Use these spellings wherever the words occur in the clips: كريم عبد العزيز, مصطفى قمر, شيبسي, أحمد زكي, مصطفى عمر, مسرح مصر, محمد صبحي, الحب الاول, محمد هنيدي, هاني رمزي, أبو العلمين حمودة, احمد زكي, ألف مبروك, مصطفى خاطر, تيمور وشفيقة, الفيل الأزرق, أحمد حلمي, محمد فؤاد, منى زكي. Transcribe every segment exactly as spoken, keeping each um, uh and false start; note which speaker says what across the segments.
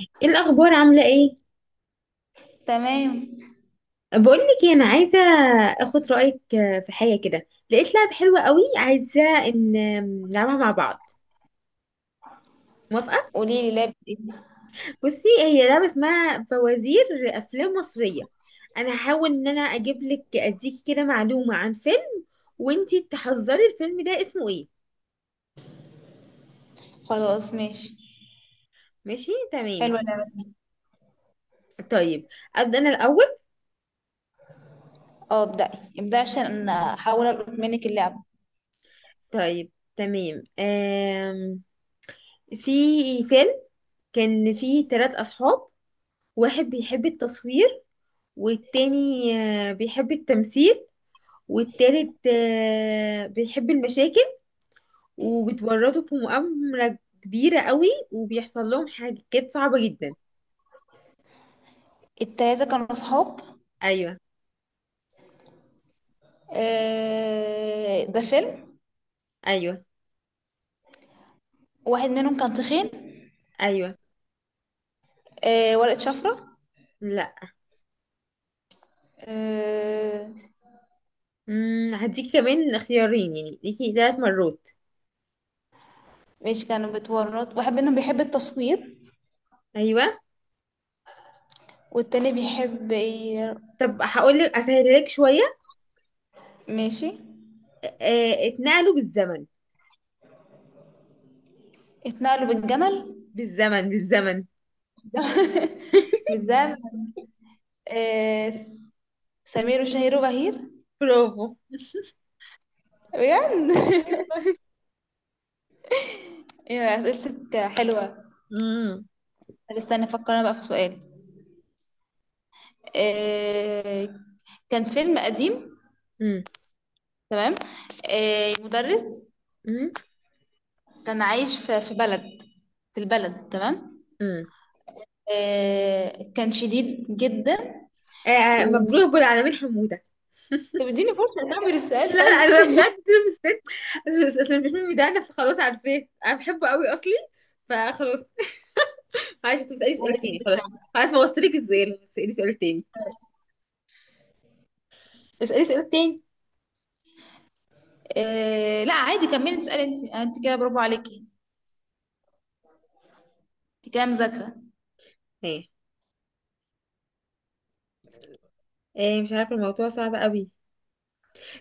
Speaker 1: ايه الاخبار؟ عامله ايه؟
Speaker 2: تمام.
Speaker 1: بقول لك انا عايزه اخد رايك، آه، في حاجه كده. لقيت لعبه حلوه قوي، عايزه ان نلعبها مع بعض. موافقه؟
Speaker 2: قولي لي لعبة ايه؟
Speaker 1: بصي، هي لعبه اسمها فوازير افلام مصريه. انا هحاول ان انا اجيب لك، اديكي كده معلومه عن فيلم وانتي تحذري الفيلم ده اسمه ايه.
Speaker 2: خلاص، ماشي.
Speaker 1: ماشي تمام.
Speaker 2: حلوة اللعبة دي.
Speaker 1: طيب، ابدا انا الاول.
Speaker 2: اه، ابدأي. ابدأي عشان أنا احاول القط منك اللعبة.
Speaker 1: طيب تمام. آم... في فيلم كان فيه ثلاث اصحاب. واحد بيحب التصوير، والتاني آه، بيحب التمثيل، والتالت آه، بيحب المشاكل وبتورطه في مؤامرة كبيرة قوي، وبيحصل لهم حاجات صعبة جدا.
Speaker 2: التلاتة كانوا صحاب؟
Speaker 1: أيوة.
Speaker 2: آه، ده فيلم.
Speaker 1: أيوة.
Speaker 2: واحد منهم كان تخين؟
Speaker 1: أيوة.
Speaker 2: آه، ورقة شفرة؟
Speaker 1: لا.
Speaker 2: آه.
Speaker 1: مم، هديكي كمان اختيارين، يعني ليكي ثلاث مرات.
Speaker 2: ماشي، كانوا بتورط. واحد منهم بيحب التصوير
Speaker 1: أيوة.
Speaker 2: والتاني بيحب ي-
Speaker 1: طب هقول لك أسهلك شوية.
Speaker 2: ماشي.
Speaker 1: آه، اتنقلوا بالزمن.
Speaker 2: اتنقلوا بالجمل؟
Speaker 1: بالزمن، بالزمن.
Speaker 2: بالزمن. آه. سمير وشهير وبهير.
Speaker 1: برافو.
Speaker 2: بجد. ايوه، اسئلتك حلوه.
Speaker 1: مم.
Speaker 2: طب استنى افكر انا بقى في سؤال. آه، كان فيلم قديم.
Speaker 1: مم.
Speaker 2: تمام. آه، مدرس.
Speaker 1: مم.
Speaker 2: كان عايش في في بلد. في البلد، تمام.
Speaker 1: مم.
Speaker 2: آه، كان شديد جدا.
Speaker 1: آه، مبروك
Speaker 2: وفي...
Speaker 1: أبو العلمين حمودة.
Speaker 2: طب اديني فرصه اكمل
Speaker 1: لا
Speaker 2: السؤال، طيب.
Speaker 1: لا، انا بجد مستني. اصل أصل مش ميمي ده، انا خلاص عارفاه، انا بحبه قوي اصلي. فخلاص. معلش، انت بتسالي سؤال
Speaker 2: عندك
Speaker 1: تاني.
Speaker 2: عندك
Speaker 1: خلاص.
Speaker 2: سؤال.
Speaker 1: خلاص، ما وصلتلك ازاي، بس اسالي سؤال تاني. اسالي سؤال تاني.
Speaker 2: آه، لا عادي، كملي تسالي. انت انت كده برافو عليكي. انت كده مذاكره.
Speaker 1: ايه؟ ايه؟ مش عارفه، الموضوع صعب قوي.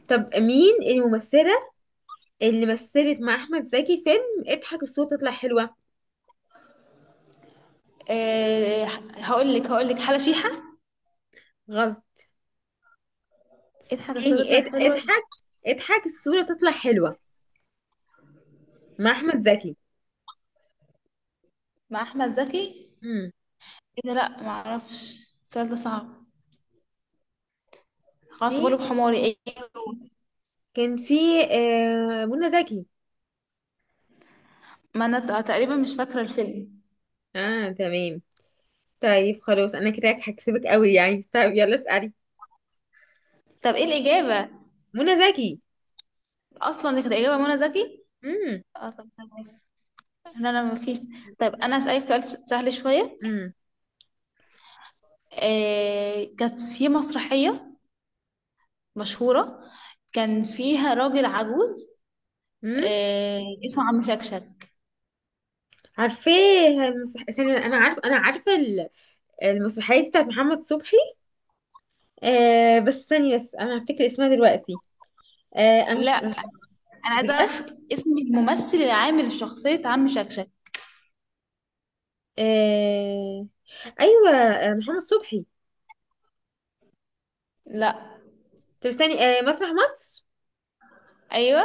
Speaker 1: طب مين الممثله اللي مثلت مع احمد زكي فيلم اضحك الصوره تطلع حلوه؟
Speaker 2: آه، هقول لك هقول لك حاجه شيحه.
Speaker 1: غلط.
Speaker 2: اضحك الصوت
Speaker 1: تاني.
Speaker 2: تطلع
Speaker 1: اض-
Speaker 2: حلوه.
Speaker 1: اضحك اضحك الصوره تطلع حلوه. مع احمد زكي.
Speaker 2: مع احمد زكي.
Speaker 1: امم
Speaker 2: ايه ده؟ لا معرفش، السؤال ده صعب. خلاص، غلب
Speaker 1: تاني.
Speaker 2: حماري، ايه؟ هو؟
Speaker 1: كان في آه منى زكي.
Speaker 2: ما انا ت- تقريبا مش فاكرة الفيلم.
Speaker 1: اه تمام. طيب خلاص، انا كده هكسبك قوي يعني. طيب يلا اسألي.
Speaker 2: طب ايه الإجابة؟
Speaker 1: منى زكي.
Speaker 2: اصلا دي كانت إجابة منى زكي.
Speaker 1: امم.
Speaker 2: اه، طب تمام. لا، لا، مفيش. طيب انا أسألك سؤال س- سهل شوية.
Speaker 1: امم.
Speaker 2: آه، كانت في مسرحية مشهورة. كان فيها راجل عجوز.
Speaker 1: امم.
Speaker 2: آه. اسمه عم شكشك.
Speaker 1: عارفاه. المسرح... ثانية، انا عارف انا عارفه ال- المسرحيه دي بتاعت محمد صبحي. آه بس ثانية، بس انا هفتكر اسمها دلوقتي. آه، انا
Speaker 2: لا،
Speaker 1: مش.
Speaker 2: انا عايزة
Speaker 1: بجد.
Speaker 2: اعرف اسم الممثل اللي عامل شخصية عم شكشك.
Speaker 1: آه ايوه، آه محمد صبحي.
Speaker 2: لا.
Speaker 1: طب استني، آه مسرح مصر.
Speaker 2: ايوه.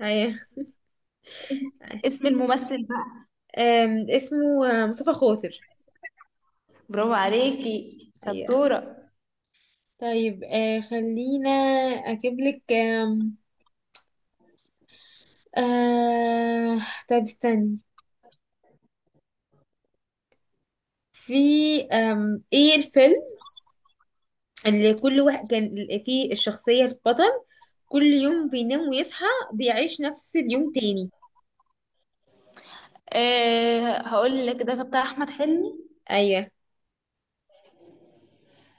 Speaker 1: ايوه.
Speaker 2: اسم اسم الممثل بقى.
Speaker 1: آم، اسمه آه، مصطفى خاطر.
Speaker 2: برافو عليكي.
Speaker 1: ايوه.
Speaker 2: شطورة.
Speaker 1: طيب، آه خلينا اجيب لك. آه... طب استني. في آم... ايه الفيلم اللي كل واحد كان ال- فيه الشخصية البطل، كل يوم بينام ويصحى، بيعيش نفس اليوم تاني؟
Speaker 2: أه، هقول لك ده بتاع أحمد حلمي.
Speaker 1: ايوه.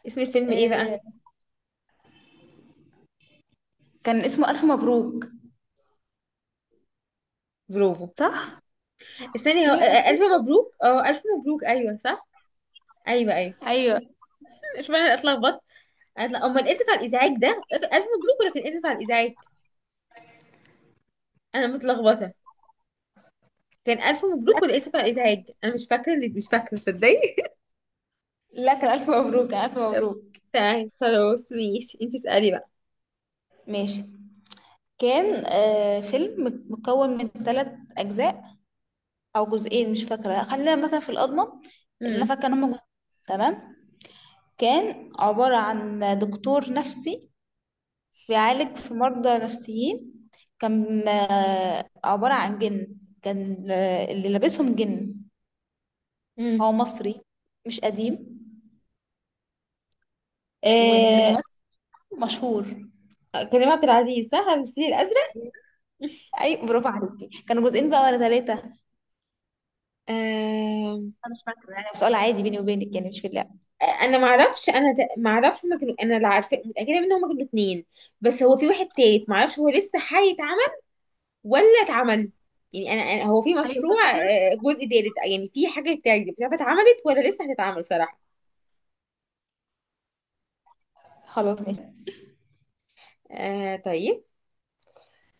Speaker 1: اسم الفيلم ايه بقى؟
Speaker 2: أه، كان اسمه ألف مبروك.
Speaker 1: برافو.
Speaker 2: صح؟
Speaker 1: استني، هو... آه،
Speaker 2: يا.
Speaker 1: آه، ألف مبروك. اه، ألف مبروك، ايوه صح. ايوه ايوه.
Speaker 2: أيوه.
Speaker 1: مش انا اتلخبطت. أتل- امال اسف على الازعاج ده ألف مبروك ولا كان اسف على الازعاج؟ انا متلخبطة. كان ألف مبروك
Speaker 2: لا،
Speaker 1: ولا اسف على الازعاج؟ انا مش فاكرة، اللي مش فاكرة تصدقي.
Speaker 2: لا، كان ألف مبروك، كان ألف مبروك.
Speaker 1: تمام خلاص ماشي، انت اسألي بقى.
Speaker 2: ماشي. كان أه فيلم مكون من ثلاث أجزاء أو جزئين، مش فاكرة، خلينا مثلا في الأضمن. اللي أنا
Speaker 1: امم.
Speaker 2: فاكرة إن هما جزئين، تمام. كان عبارة عن دكتور نفسي بيعالج في مرضى نفسيين. كان آه، عبارة عن جن. كان آه، اللي لابسهم جن.
Speaker 1: مم.
Speaker 2: هو مصري، مش قديم.
Speaker 1: آه...
Speaker 2: والممثل مشهور.
Speaker 1: كريم عبد العزيز، صح؟ على الفيل الأزرق.
Speaker 2: اي، برافو عليكي. كانوا جزئين بقى ولا ثلاثة؟
Speaker 1: آه...
Speaker 2: انا مش فاكرة، يعني سؤال عادي بيني وبينك، يعني مش في اللعبة.
Speaker 1: انا معرفش انا ت- معرفش هما كانوا. انا اللي عارفه متاكده ان هما كانوا اتنين، بس هو في واحد تالت، معرفش هو لسه هيتعمل ولا اتعمل. يعني انا أنا- هو في
Speaker 2: ايوه، صح
Speaker 1: مشروع،
Speaker 2: كده.
Speaker 1: آه، جزء تالت، يعني في حاجه تالت، مش عارفه اتعملت ولا لسه هتتعمل صراحه.
Speaker 2: خلاص، ماشي.
Speaker 1: آه طيب،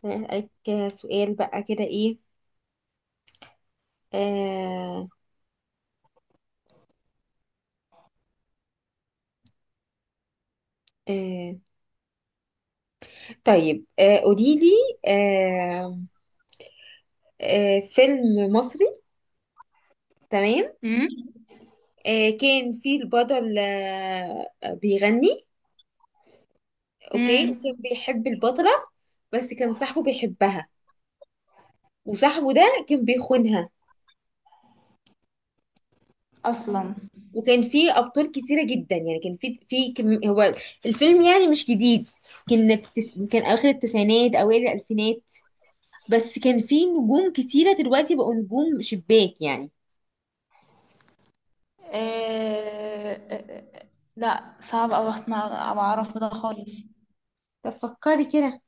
Speaker 1: هسألك سؤال بقى كده. ايه. آه آه طيب، آه، قولي لي، آه، آه، فيلم مصري، تمام.
Speaker 2: امم.
Speaker 1: آه، كان فيه البطل آه، بيغني. اوكي. وكان
Speaker 2: امم.
Speaker 1: بيحب البطلة، بس كان صاحبه بيحبها، وصاحبه ده كان بيخونها.
Speaker 2: اصلا.
Speaker 1: وكان فيه أبطال كتيرة جدا يعني، كان فيه في كم هو الفيلم، يعني مش جديد. كان في التس... كان آخر التسعينات أوائل الألفينات، بس كان فيه نجوم كتيرة دلوقتي بقوا نجوم شباك يعني.
Speaker 2: آه. آه، آه، آه. لا، صعب اوي اصلا أبقى اعرف ده خالص.
Speaker 1: طب فكري كده.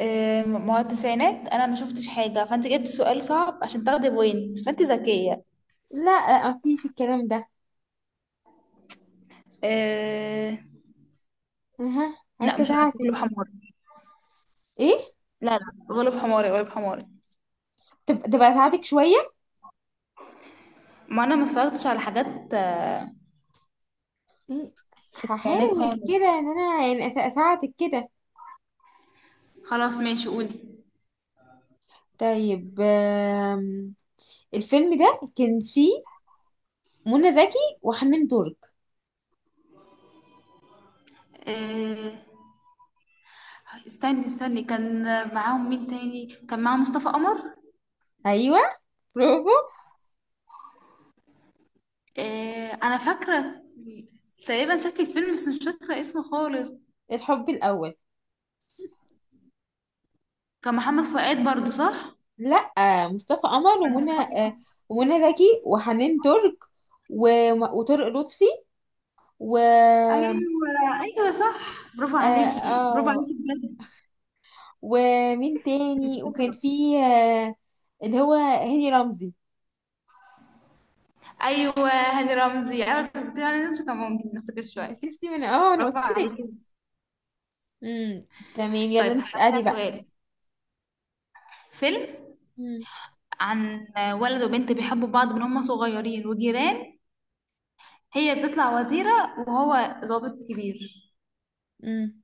Speaker 2: آم، ما هو التسعينات انا ما شفتش حاجه، فانت جبت سؤال صعب عشان تاخدي بوينت، فانت ذكيه.
Speaker 1: لا، آه، مفيش الكلام ده.
Speaker 2: آه.
Speaker 1: اها،
Speaker 2: لا،
Speaker 1: عايزه
Speaker 2: مش عارفه،
Speaker 1: اساعدك.
Speaker 2: غلب حماري.
Speaker 1: ايه.
Speaker 2: لا، لا، غلب حماري، غلب حماري.
Speaker 1: تب- تبقى اساعدك شويه.
Speaker 2: ما انا ما اتفرجتش على حاجات آه،
Speaker 1: مم.
Speaker 2: تسعينات
Speaker 1: هحاول كده
Speaker 2: خالص.
Speaker 1: ان انا يعني أس- اساعدك كده.
Speaker 2: خلاص، ماشي، قولي.
Speaker 1: طيب، آم، الفيلم ده كان فيه منى زكي وحنان ترك.
Speaker 2: آه. استني، استني. كان معاهم مين تاني؟ كان معاهم مصطفى قمر.
Speaker 1: ايوه. برافو.
Speaker 2: آه، انا فاكره تقريبا شكل الفيلم بس مش فاكره اسمه خالص.
Speaker 1: الحب الاول.
Speaker 2: كان محمد فؤاد برضو، صح؟
Speaker 1: لا، مصطفى قمر
Speaker 2: كان
Speaker 1: ومنى آه،
Speaker 2: مصطفى.
Speaker 1: ومنى زكي وحنان ترك وم- وطارق لطفي و آه
Speaker 2: ايوه، ايوه، صح. برافو عليكي، برافو
Speaker 1: آه،
Speaker 2: عليكي بجد.
Speaker 1: ومين تاني، وكان
Speaker 2: شاطرة.
Speaker 1: فيه آه، اللي هو هاني رمزي.
Speaker 2: ايوه، هاني رمزي، انا كنت انا نفسي كان ممكن نفتكر شويه.
Speaker 1: شيبسي من اه انا
Speaker 2: برافو
Speaker 1: قلت لك.
Speaker 2: عليكي.
Speaker 1: امم. تمام يلا،
Speaker 2: طيب،
Speaker 1: انت
Speaker 2: هسألك بقى
Speaker 1: اسألي بقى.
Speaker 2: سؤال. فيلم
Speaker 1: امم.
Speaker 2: عن ولد وبنت بيحبوا بعض من هما صغيرين وجيران. هي بتطلع وزيرة وهو ضابط كبير.
Speaker 1: امم.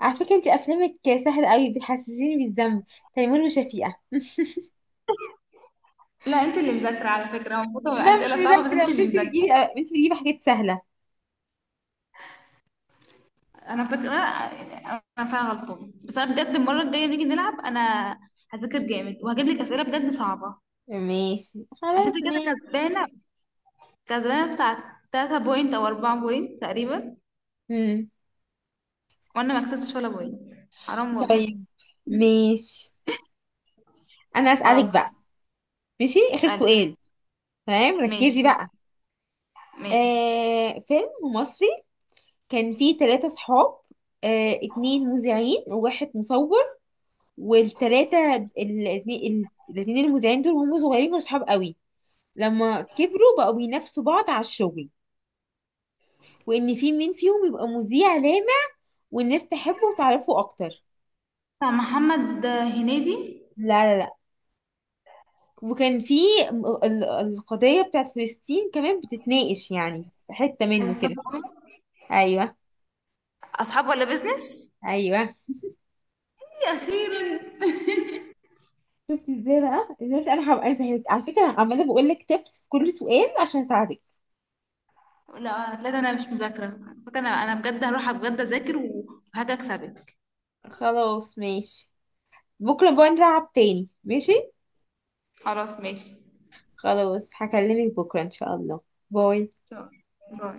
Speaker 1: على فكرة، انت افلامك سهلة قوي، بتحسسيني بالذنب. تيمور وشفيقة.
Speaker 2: لا، انت اللي مذاكرة على فكرة. هو المفروض
Speaker 1: لا
Speaker 2: تبقى
Speaker 1: مش
Speaker 2: اسئلة صعبة، بس
Speaker 1: مذاكرة،
Speaker 2: انت
Speaker 1: بس
Speaker 2: اللي
Speaker 1: انت
Speaker 2: مذاكرة.
Speaker 1: بتجيبي انت بتجيبي حاجات سهلة.
Speaker 2: انا فاكرة. انا فعلا غلطانة، بس انا بجد، المرة الجاية نيجي نلعب انا هذاكر جامد وهجيب لك اسئلة بجد صعبة.
Speaker 1: ماشي
Speaker 2: عشان انت
Speaker 1: خلاص
Speaker 2: كده
Speaker 1: ماشي.
Speaker 2: كسبانه. كسبانه بتاع تلاتة بوينت او اربعة بوينت تقريبا.
Speaker 1: امم.
Speaker 2: وانا ما كسبتش ولا بوينت. حرام والله.
Speaker 1: طيب ماشي، انا اسألك
Speaker 2: خلاص.
Speaker 1: بقى. ماشي اخر
Speaker 2: اسالي.
Speaker 1: سؤال. تمام ركزي
Speaker 2: ماشي،
Speaker 1: بقى.
Speaker 2: ماشي.
Speaker 1: آه فيلم مصري كان فيه ثلاثة صحاب. آه اتنين مذيعين وواحد مصور. والتلاتة ال- الاتنين الاتنين المذيعين دول، وهم صغيرين كانوا صحاب قوي. لما كبروا بقوا بينافسوا بعض على الشغل، وان في مين فيهم يبقى مذيع لامع والناس تحبه وتعرفه اكتر.
Speaker 2: بتاع محمد هنيدي؟
Speaker 1: لا لا لا. وكان في م- ال- القضية بتاعت فلسطين كمان بتتناقش، يعني في حتة
Speaker 2: أيوة،
Speaker 1: منه
Speaker 2: مصطفى
Speaker 1: كده.
Speaker 2: عمر.
Speaker 1: ايوه.
Speaker 2: اصحاب ولا بيزنس؟
Speaker 1: ايوه.
Speaker 2: إيه، اخيرا.
Speaker 1: شفت ازاي بقى ازاي، انا هبقى سهلت على فكرة، انا عمالة بقول لك تبس في كل سؤال عشان اساعدك.
Speaker 2: لا، لا، ده انا مش مذاكره فاكرة. انا انا بجد هروح بجد اذاكر وهاجي اكسبك.
Speaker 1: خلاص ماشي. بكرة بقى نلعب تاني، ماشي.
Speaker 2: خلاص، ماشي.
Speaker 1: خلاص هكلمك بكرة إن شاء الله. باي.
Speaker 2: شكراً. باي.